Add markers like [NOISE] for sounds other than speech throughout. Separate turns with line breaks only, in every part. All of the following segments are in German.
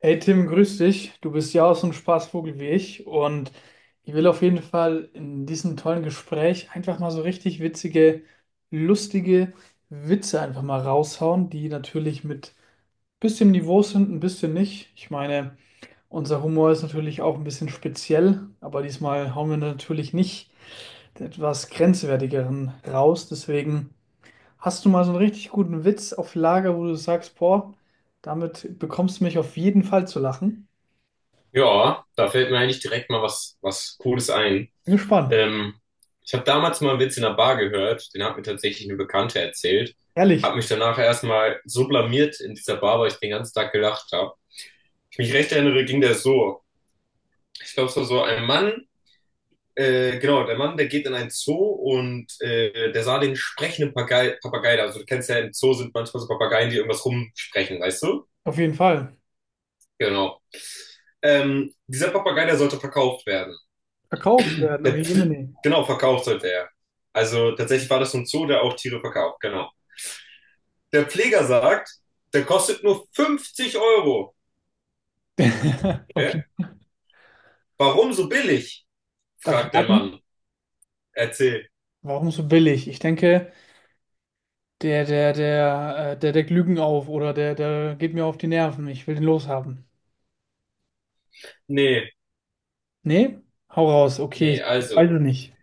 Hey Tim, grüß dich. Du bist ja auch so ein Spaßvogel wie ich und ich will auf jeden Fall in diesem tollen Gespräch einfach mal so richtig witzige, lustige Witze einfach mal raushauen, die natürlich mit bisschen Niveau sind, ein bisschen nicht. Ich meine, unser Humor ist natürlich auch ein bisschen speziell, aber diesmal hauen wir natürlich nicht den etwas grenzwertigeren raus. Deswegen hast du mal so einen richtig guten Witz auf Lager, wo du sagst, boah, damit bekommst du mich auf jeden Fall zu lachen.
Ja, da fällt mir eigentlich direkt mal was, Cooles ein.
Bin gespannt.
Ähm, Ich habe damals mal einen Witz in der Bar gehört, den hat mir tatsächlich eine Bekannte erzählt,
Ehrlich,
habe mich danach erstmal so blamiert in dieser Bar, weil ich den ganzen Tag gelacht habe. Ich mich recht erinnere, ging der so. Ich glaube, es war so ein Mann, genau, der Mann, der geht in einen Zoo und der sah den sprechenden Papagei da. Also du kennst ja, im Zoo sind manchmal so Papageien, die irgendwas rumsprechen, weißt du?
auf jeden Fall.
Genau. Dieser Papagei, der sollte verkauft werden.
Verkauft werden, oh
Der, Pfle-
Jemine.
genau, verkauft sollte er. Also tatsächlich war das so ein Zoo, der auch Tiere verkauft, genau. Der Pfleger sagt, der kostet nur 50 Euro.
[LAUGHS] Okay,
Hä? Warum so billig?,
darf ich
fragt der
raten?
Mann. Erzähl.
Warum so billig? Ich denke, der deckt Lügen auf oder der geht mir auf die Nerven. Ich will den loshaben.
Nee,
Nee? Hau raus. Okay,
nee,
ich weiß
also.
es nicht.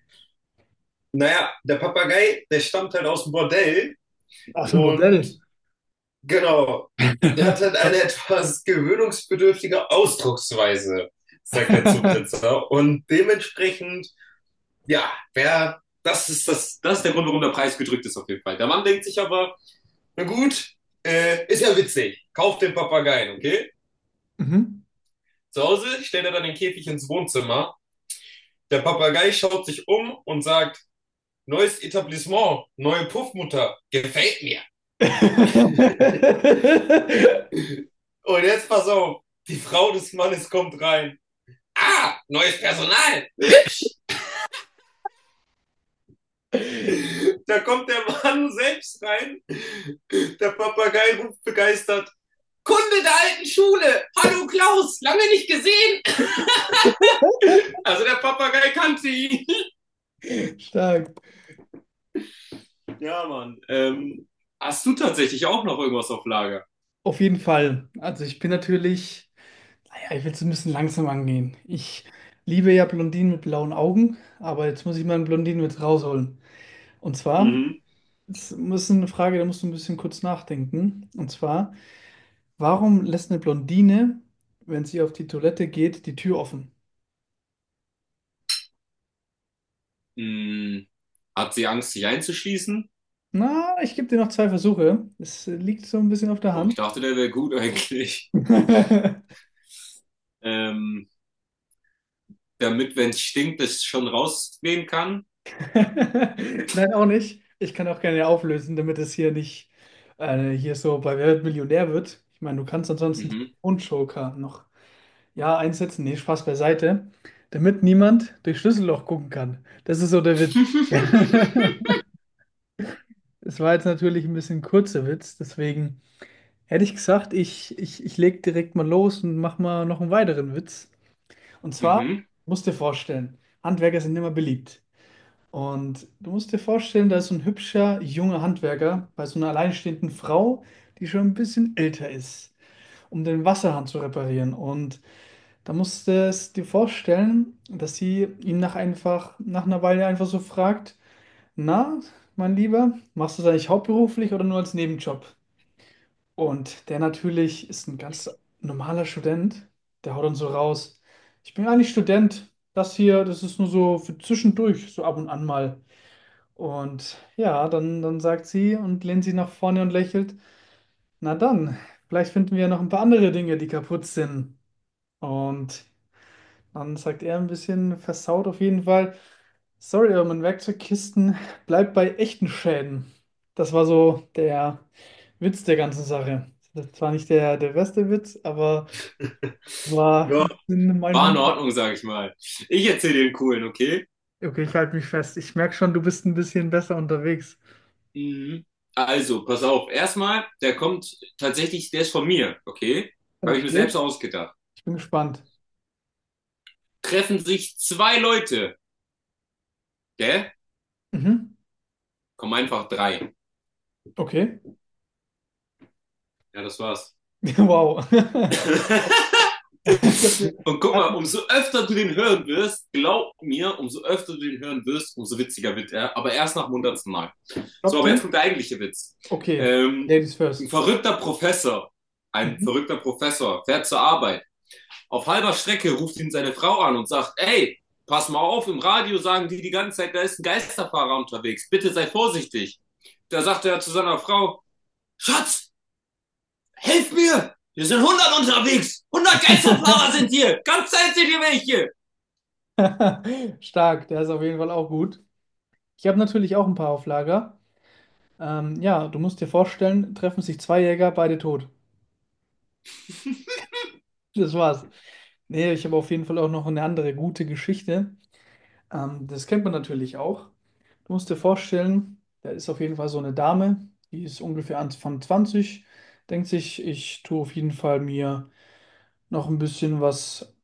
Naja, der Papagei, der stammt halt aus dem Bordell
Aus dem
und
Modell.
genau, der hat halt eine
[LAUGHS]
etwas gewöhnungsbedürftige Ausdrucksweise, sagt der Zoobesitzer. Und dementsprechend, ja, wer, das ist der Grund, warum der Preis gedrückt ist auf jeden Fall. Der Mann denkt sich aber, na gut, ist ja witzig. Kauft den Papageien, okay?
Mhm.
Zu Hause stellt er dann den Käfig ins Wohnzimmer. Der Papagei schaut sich um und sagt, neues Etablissement, neue Puffmutter, gefällt mir. Und jetzt pass auf, die Frau des Mannes kommt rein. Ah, neues Personal.
[LAUGHS]
Da kommt der Mann selbst rein. Der Papagei ruft begeistert, Kunde der alten Schule. Hallo Klaus, lange nicht gesehen. Also der Papagei kannte ihn.
Stark.
Ja, Mann. Hast du tatsächlich auch noch irgendwas auf Lager?
Auf jeden Fall. Also ich bin natürlich. Naja, ich will es ein bisschen langsam angehen. Ich liebe ja Blondinen mit blauen Augen, aber jetzt muss ich mal einen Blondinen mit rausholen. Und zwar,
Mhm.
es ist eine Frage, da musst du ein bisschen kurz nachdenken. Und zwar, warum lässt eine Blondine, wenn sie auf die Toilette geht, die Tür offen?
Hm, hat sie Angst, sich einzuschließen?
Na, ich gebe dir noch zwei Versuche. Es liegt so ein bisschen auf der
Boah, ich
Hand.
dachte, der wäre gut eigentlich.
[LAUGHS]
Ähm, Damit, wenn es stinkt, es schon rausgehen kann.
Nein, auch nicht. Ich kann auch gerne auflösen, damit es hier nicht hier so bei Wer wird Millionär wird. Ich meine, du kannst ansonsten
Mhm.
den Joker noch. Ja, einsetzen, nee, Spaß beiseite, damit niemand durch Schlüsselloch gucken kann. Das ist so der Witz.
[LAUGHS]
[LAUGHS] Es war jetzt natürlich ein bisschen kurzer Witz, deswegen hätte ich gesagt, ich leg direkt mal los und mach mal noch einen weiteren Witz. Und zwar,
Mhm.
musst dir vorstellen, Handwerker sind immer beliebt. Und du musst dir vorstellen, da ist so ein hübscher, junger Handwerker bei so einer alleinstehenden Frau, die schon ein bisschen älter ist, um den Wasserhahn zu reparieren. Und da musst du es dir vorstellen, dass sie ihn nach einfach, nach einer Weile einfach so fragt, na, mein Lieber, machst du das eigentlich hauptberuflich oder nur als Nebenjob? Und der natürlich ist ein ganz normaler Student, der haut dann so raus, ich bin eigentlich Student, das hier, das ist nur so für zwischendurch, so ab und an mal. Und ja, dann sagt sie und lehnt sie nach vorne und lächelt, na dann, vielleicht finden wir ja noch ein paar andere Dinge, die kaputt sind. Und dann sagt er ein bisschen versaut auf jeden Fall. Sorry, aber mein Werkzeugkisten [LAUGHS] bleibt bei echten Schäden. Das war so der Witz der ganzen Sache. Das war nicht der beste Witz, aber war in mein
War in
Humor.
Ordnung, sag ich mal. Ich erzähle den coolen, okay?
Okay, ich halte mich fest. Ich merke schon, du bist ein bisschen besser unterwegs.
Mhm. Also, pass auf. Erstmal, der kommt tatsächlich, der ist von mir, okay? Habe ich mir selbst
Okay,
ausgedacht.
ich bin gespannt.
Treffen sich zwei Leute, gell?
Mhm.
Kommen einfach drei.
Okay.
Ja, das war's.
[LAUGHS] Wow. [LAUGHS]
[LAUGHS]
Ich habe den
Und guck mal,
Platten
umso öfter du den hören wirst, glaub mir, umso öfter du den hören wirst, umso witziger wird er. Aber erst nach dem 100. Mal. So,
Job,
aber jetzt
Tim.
kommt der eigentliche Witz.
Okay,
Ähm,
Ladies
ein
first.
verrückter Professor, ein
Mhm.
verrückter Professor fährt zur Arbeit. Auf halber Strecke ruft ihn seine Frau an und sagt, ey, pass mal auf, im Radio sagen die ganze Zeit, da ist ein Geisterfahrer unterwegs, bitte sei vorsichtig. Da sagt er zu seiner Frau, Schatz, helf mir, hier sind 100 unterwegs, 100 Geisterfahrer sind hier, ganz Zeit sind hier
[LAUGHS] Stark, der ist auf jeden Fall auch gut. Ich habe natürlich auch ein paar auf Lager. Ja, du musst dir vorstellen, treffen sich zwei Jäger, beide tot. Das war's. Nee, ich habe auf jeden Fall auch noch eine andere gute Geschichte. Das kennt man natürlich auch. Du musst dir vorstellen, da ist auf jeden Fall so eine Dame, die ist ungefähr Anfang 20. Denkt sich, ich tue auf jeden Fall mir noch ein bisschen was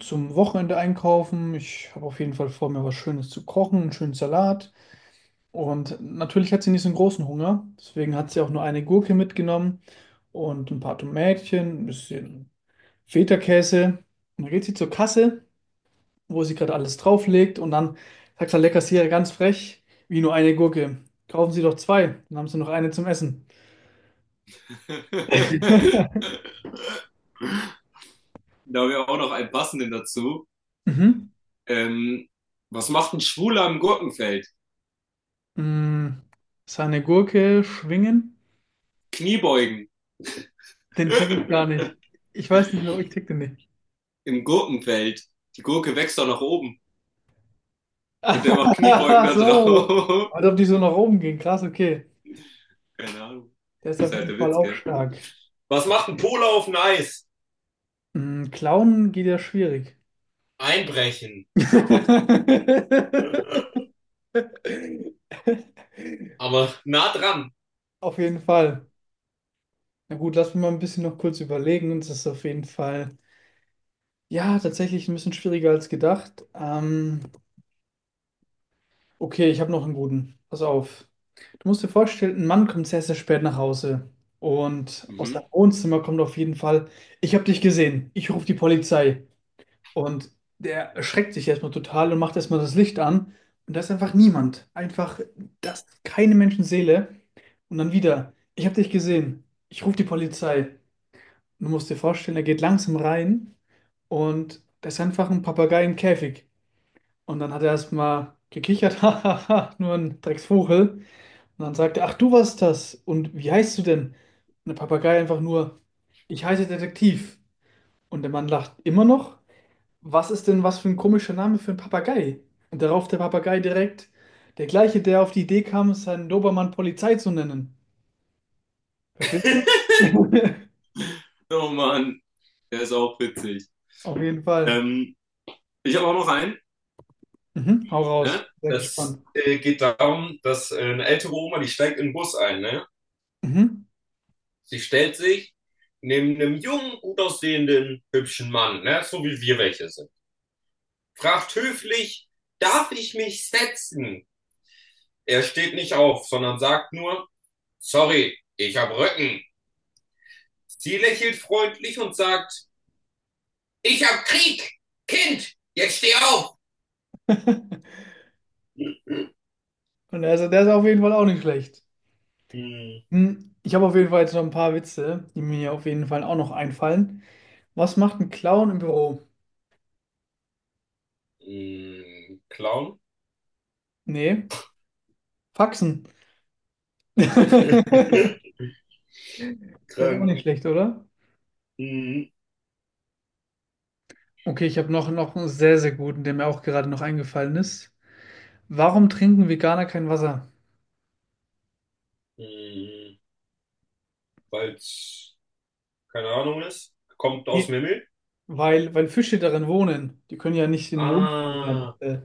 zum Wochenende einkaufen. Ich habe auf jeden Fall vor, mir was Schönes zu kochen, einen schönen Salat. Und natürlich hat sie nicht so einen großen Hunger. Deswegen hat sie auch nur eine Gurke mitgenommen und ein paar Tomätchen, ein bisschen Feta-Käse. Und dann geht sie zur Kasse, wo sie gerade alles drauflegt. Und dann sagt der Kassierer ganz frech, wie nur eine Gurke. Kaufen Sie doch zwei, dann haben Sie noch eine zum Essen.
welche.
[LAUGHS]
[LAUGHS] Da wäre auch noch ein passenden dazu.
Mhm.
Ähm, Was macht ein Schwuler im Gurkenfeld?
Mm, seine Gurke schwingen?
Kniebeugen.
Den check ich gar
[LAUGHS]
nicht. Ich weiß nicht, warum ich check den nicht.
Im Gurkenfeld. Die Gurke wächst doch nach oben. Und der macht
[LAUGHS]
Kniebeugen
Ach
da
so.
drauf.
Als ob die so nach oben gehen. Krass, okay.
Keine Ahnung.
Der ist
Das
auf
ist halt
jeden
der
Fall
Witz,
auch
gell?
stark.
Was macht ein Pole auf dem Eis?
Mm, Klauen geht ja schwierig.
Einbrechen.
[LAUGHS]
Aber nah dran.
Auf jeden Fall. Na gut, lass mich mal ein bisschen noch kurz überlegen. Das ist auf jeden Fall, ja, tatsächlich ein bisschen schwieriger als gedacht. Okay, ich habe noch einen guten. Pass auf. Du musst dir vorstellen, ein Mann kommt sehr, sehr spät nach Hause. Und aus
Mhm.
seinem Wohnzimmer kommt auf jeden Fall, ich habe dich gesehen, ich rufe die Polizei. Und der erschreckt sich erstmal total und macht erstmal das Licht an. Und da ist einfach niemand. Einfach, das keine Menschenseele. Und dann wieder, ich habe dich gesehen. Ich rufe die Polizei. Und du musst dir vorstellen, er geht langsam rein und da ist einfach ein Papagei im Käfig. Und dann hat er erstmal gekichert, [LAUGHS] hahaha, nur ein Drecksvogel. Und dann sagt er, ach, du warst das. Und wie heißt du denn? Und der Papagei einfach nur, ich heiße Detektiv. Und der Mann lacht immer noch, was ist denn was für ein komischer Name für einen Papagei? Und darauf der Papagei direkt, der gleiche, der auf die Idee kam, seinen Dobermann Polizei zu nennen. Verstehst du? [LAUGHS]
Oh Mann, der ist auch witzig.
Auf jeden Fall.
Ähm, Ich habe auch noch einen,
Mhm, hau raus.
ne?
Sehr
Das
gespannt.
äh, geht darum, dass eine ältere Oma, die steigt in den Bus ein, ne?
Mhm.
Sie stellt sich neben einem jungen, gut aussehenden, hübschen Mann, ne? So wie wir welche sind. Fragt höflich, darf ich mich setzen? Er steht nicht auf, sondern sagt nur, sorry, ich hab Rücken. Sie lächelt freundlich und sagt, ich hab Krieg! Kind, jetzt steh auf!
[LAUGHS]
[LAUGHS]
Und also der ist auf jeden Fall auch nicht schlecht.
Hm.
Hm, ich habe auf jeden Fall jetzt noch ein paar Witze, die mir auf jeden Fall auch noch einfallen. Was macht ein Clown im Büro?
Hm, Clown?
Nee, Faxen. [LAUGHS]
[LAUGHS]
Der ist auch
Krank.
nicht schlecht, oder?
Hm.
Okay, ich habe noch, noch einen sehr, sehr guten, der mir auch gerade noch eingefallen ist. Warum trinken Veganer kein Wasser?
Hm, weil's keine Ahnung ist. Kommt aus dem
Nee,
Himmel.
weil Fische darin wohnen. Die können ja nicht den Wohnraum ja,
Ah.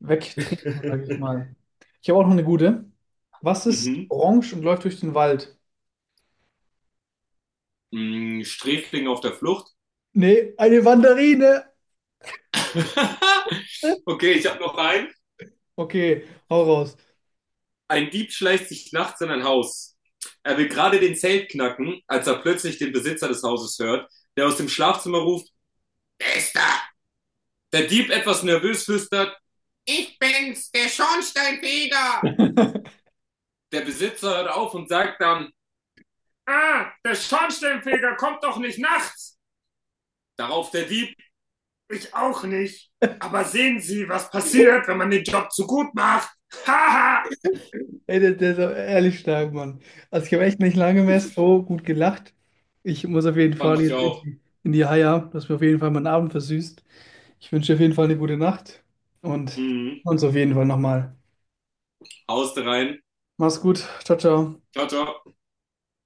wegtrinken, sage ich
[LAUGHS]
mal. Ich habe auch noch eine gute. Was ist
Mhm.
orange und läuft durch den Wald?
Hm, Sträfling auf der Flucht.
Nee, eine Mandarine.
[LAUGHS] Okay, ich hab noch einen.
Okay, hau raus.
Ein Dieb schleicht sich nachts in ein Haus. Er will gerade den Zelt knacken, als er plötzlich den Besitzer des Hauses hört, der aus dem Schlafzimmer ruft. Bester! Der Dieb etwas nervös flüstert, ich bin's, der Schornsteinfeger!
[LAUGHS]
Der Besitzer hört auf und sagt dann, ah, der Schornsteinfeger kommt doch nicht nachts. Darauf der Dieb, ich auch nicht. Aber sehen Sie, was passiert, wenn man den Job zu gut macht. Haha.
Ey, der ist aber ehrlich stark, Mann. Also ich habe echt nicht lange mehr so gut gelacht. Ich muss auf jeden
[LAUGHS] Fand
Fall
ich
jetzt
auch,
in die Haia, dass mir auf jeden Fall meinen Abend versüßt. Ich wünsche dir auf jeden Fall eine gute Nacht und
mhm.
uns auf jeden Fall nochmal.
Hauste rein,
Mach's gut. Ciao, ciao.
ciao, ciao.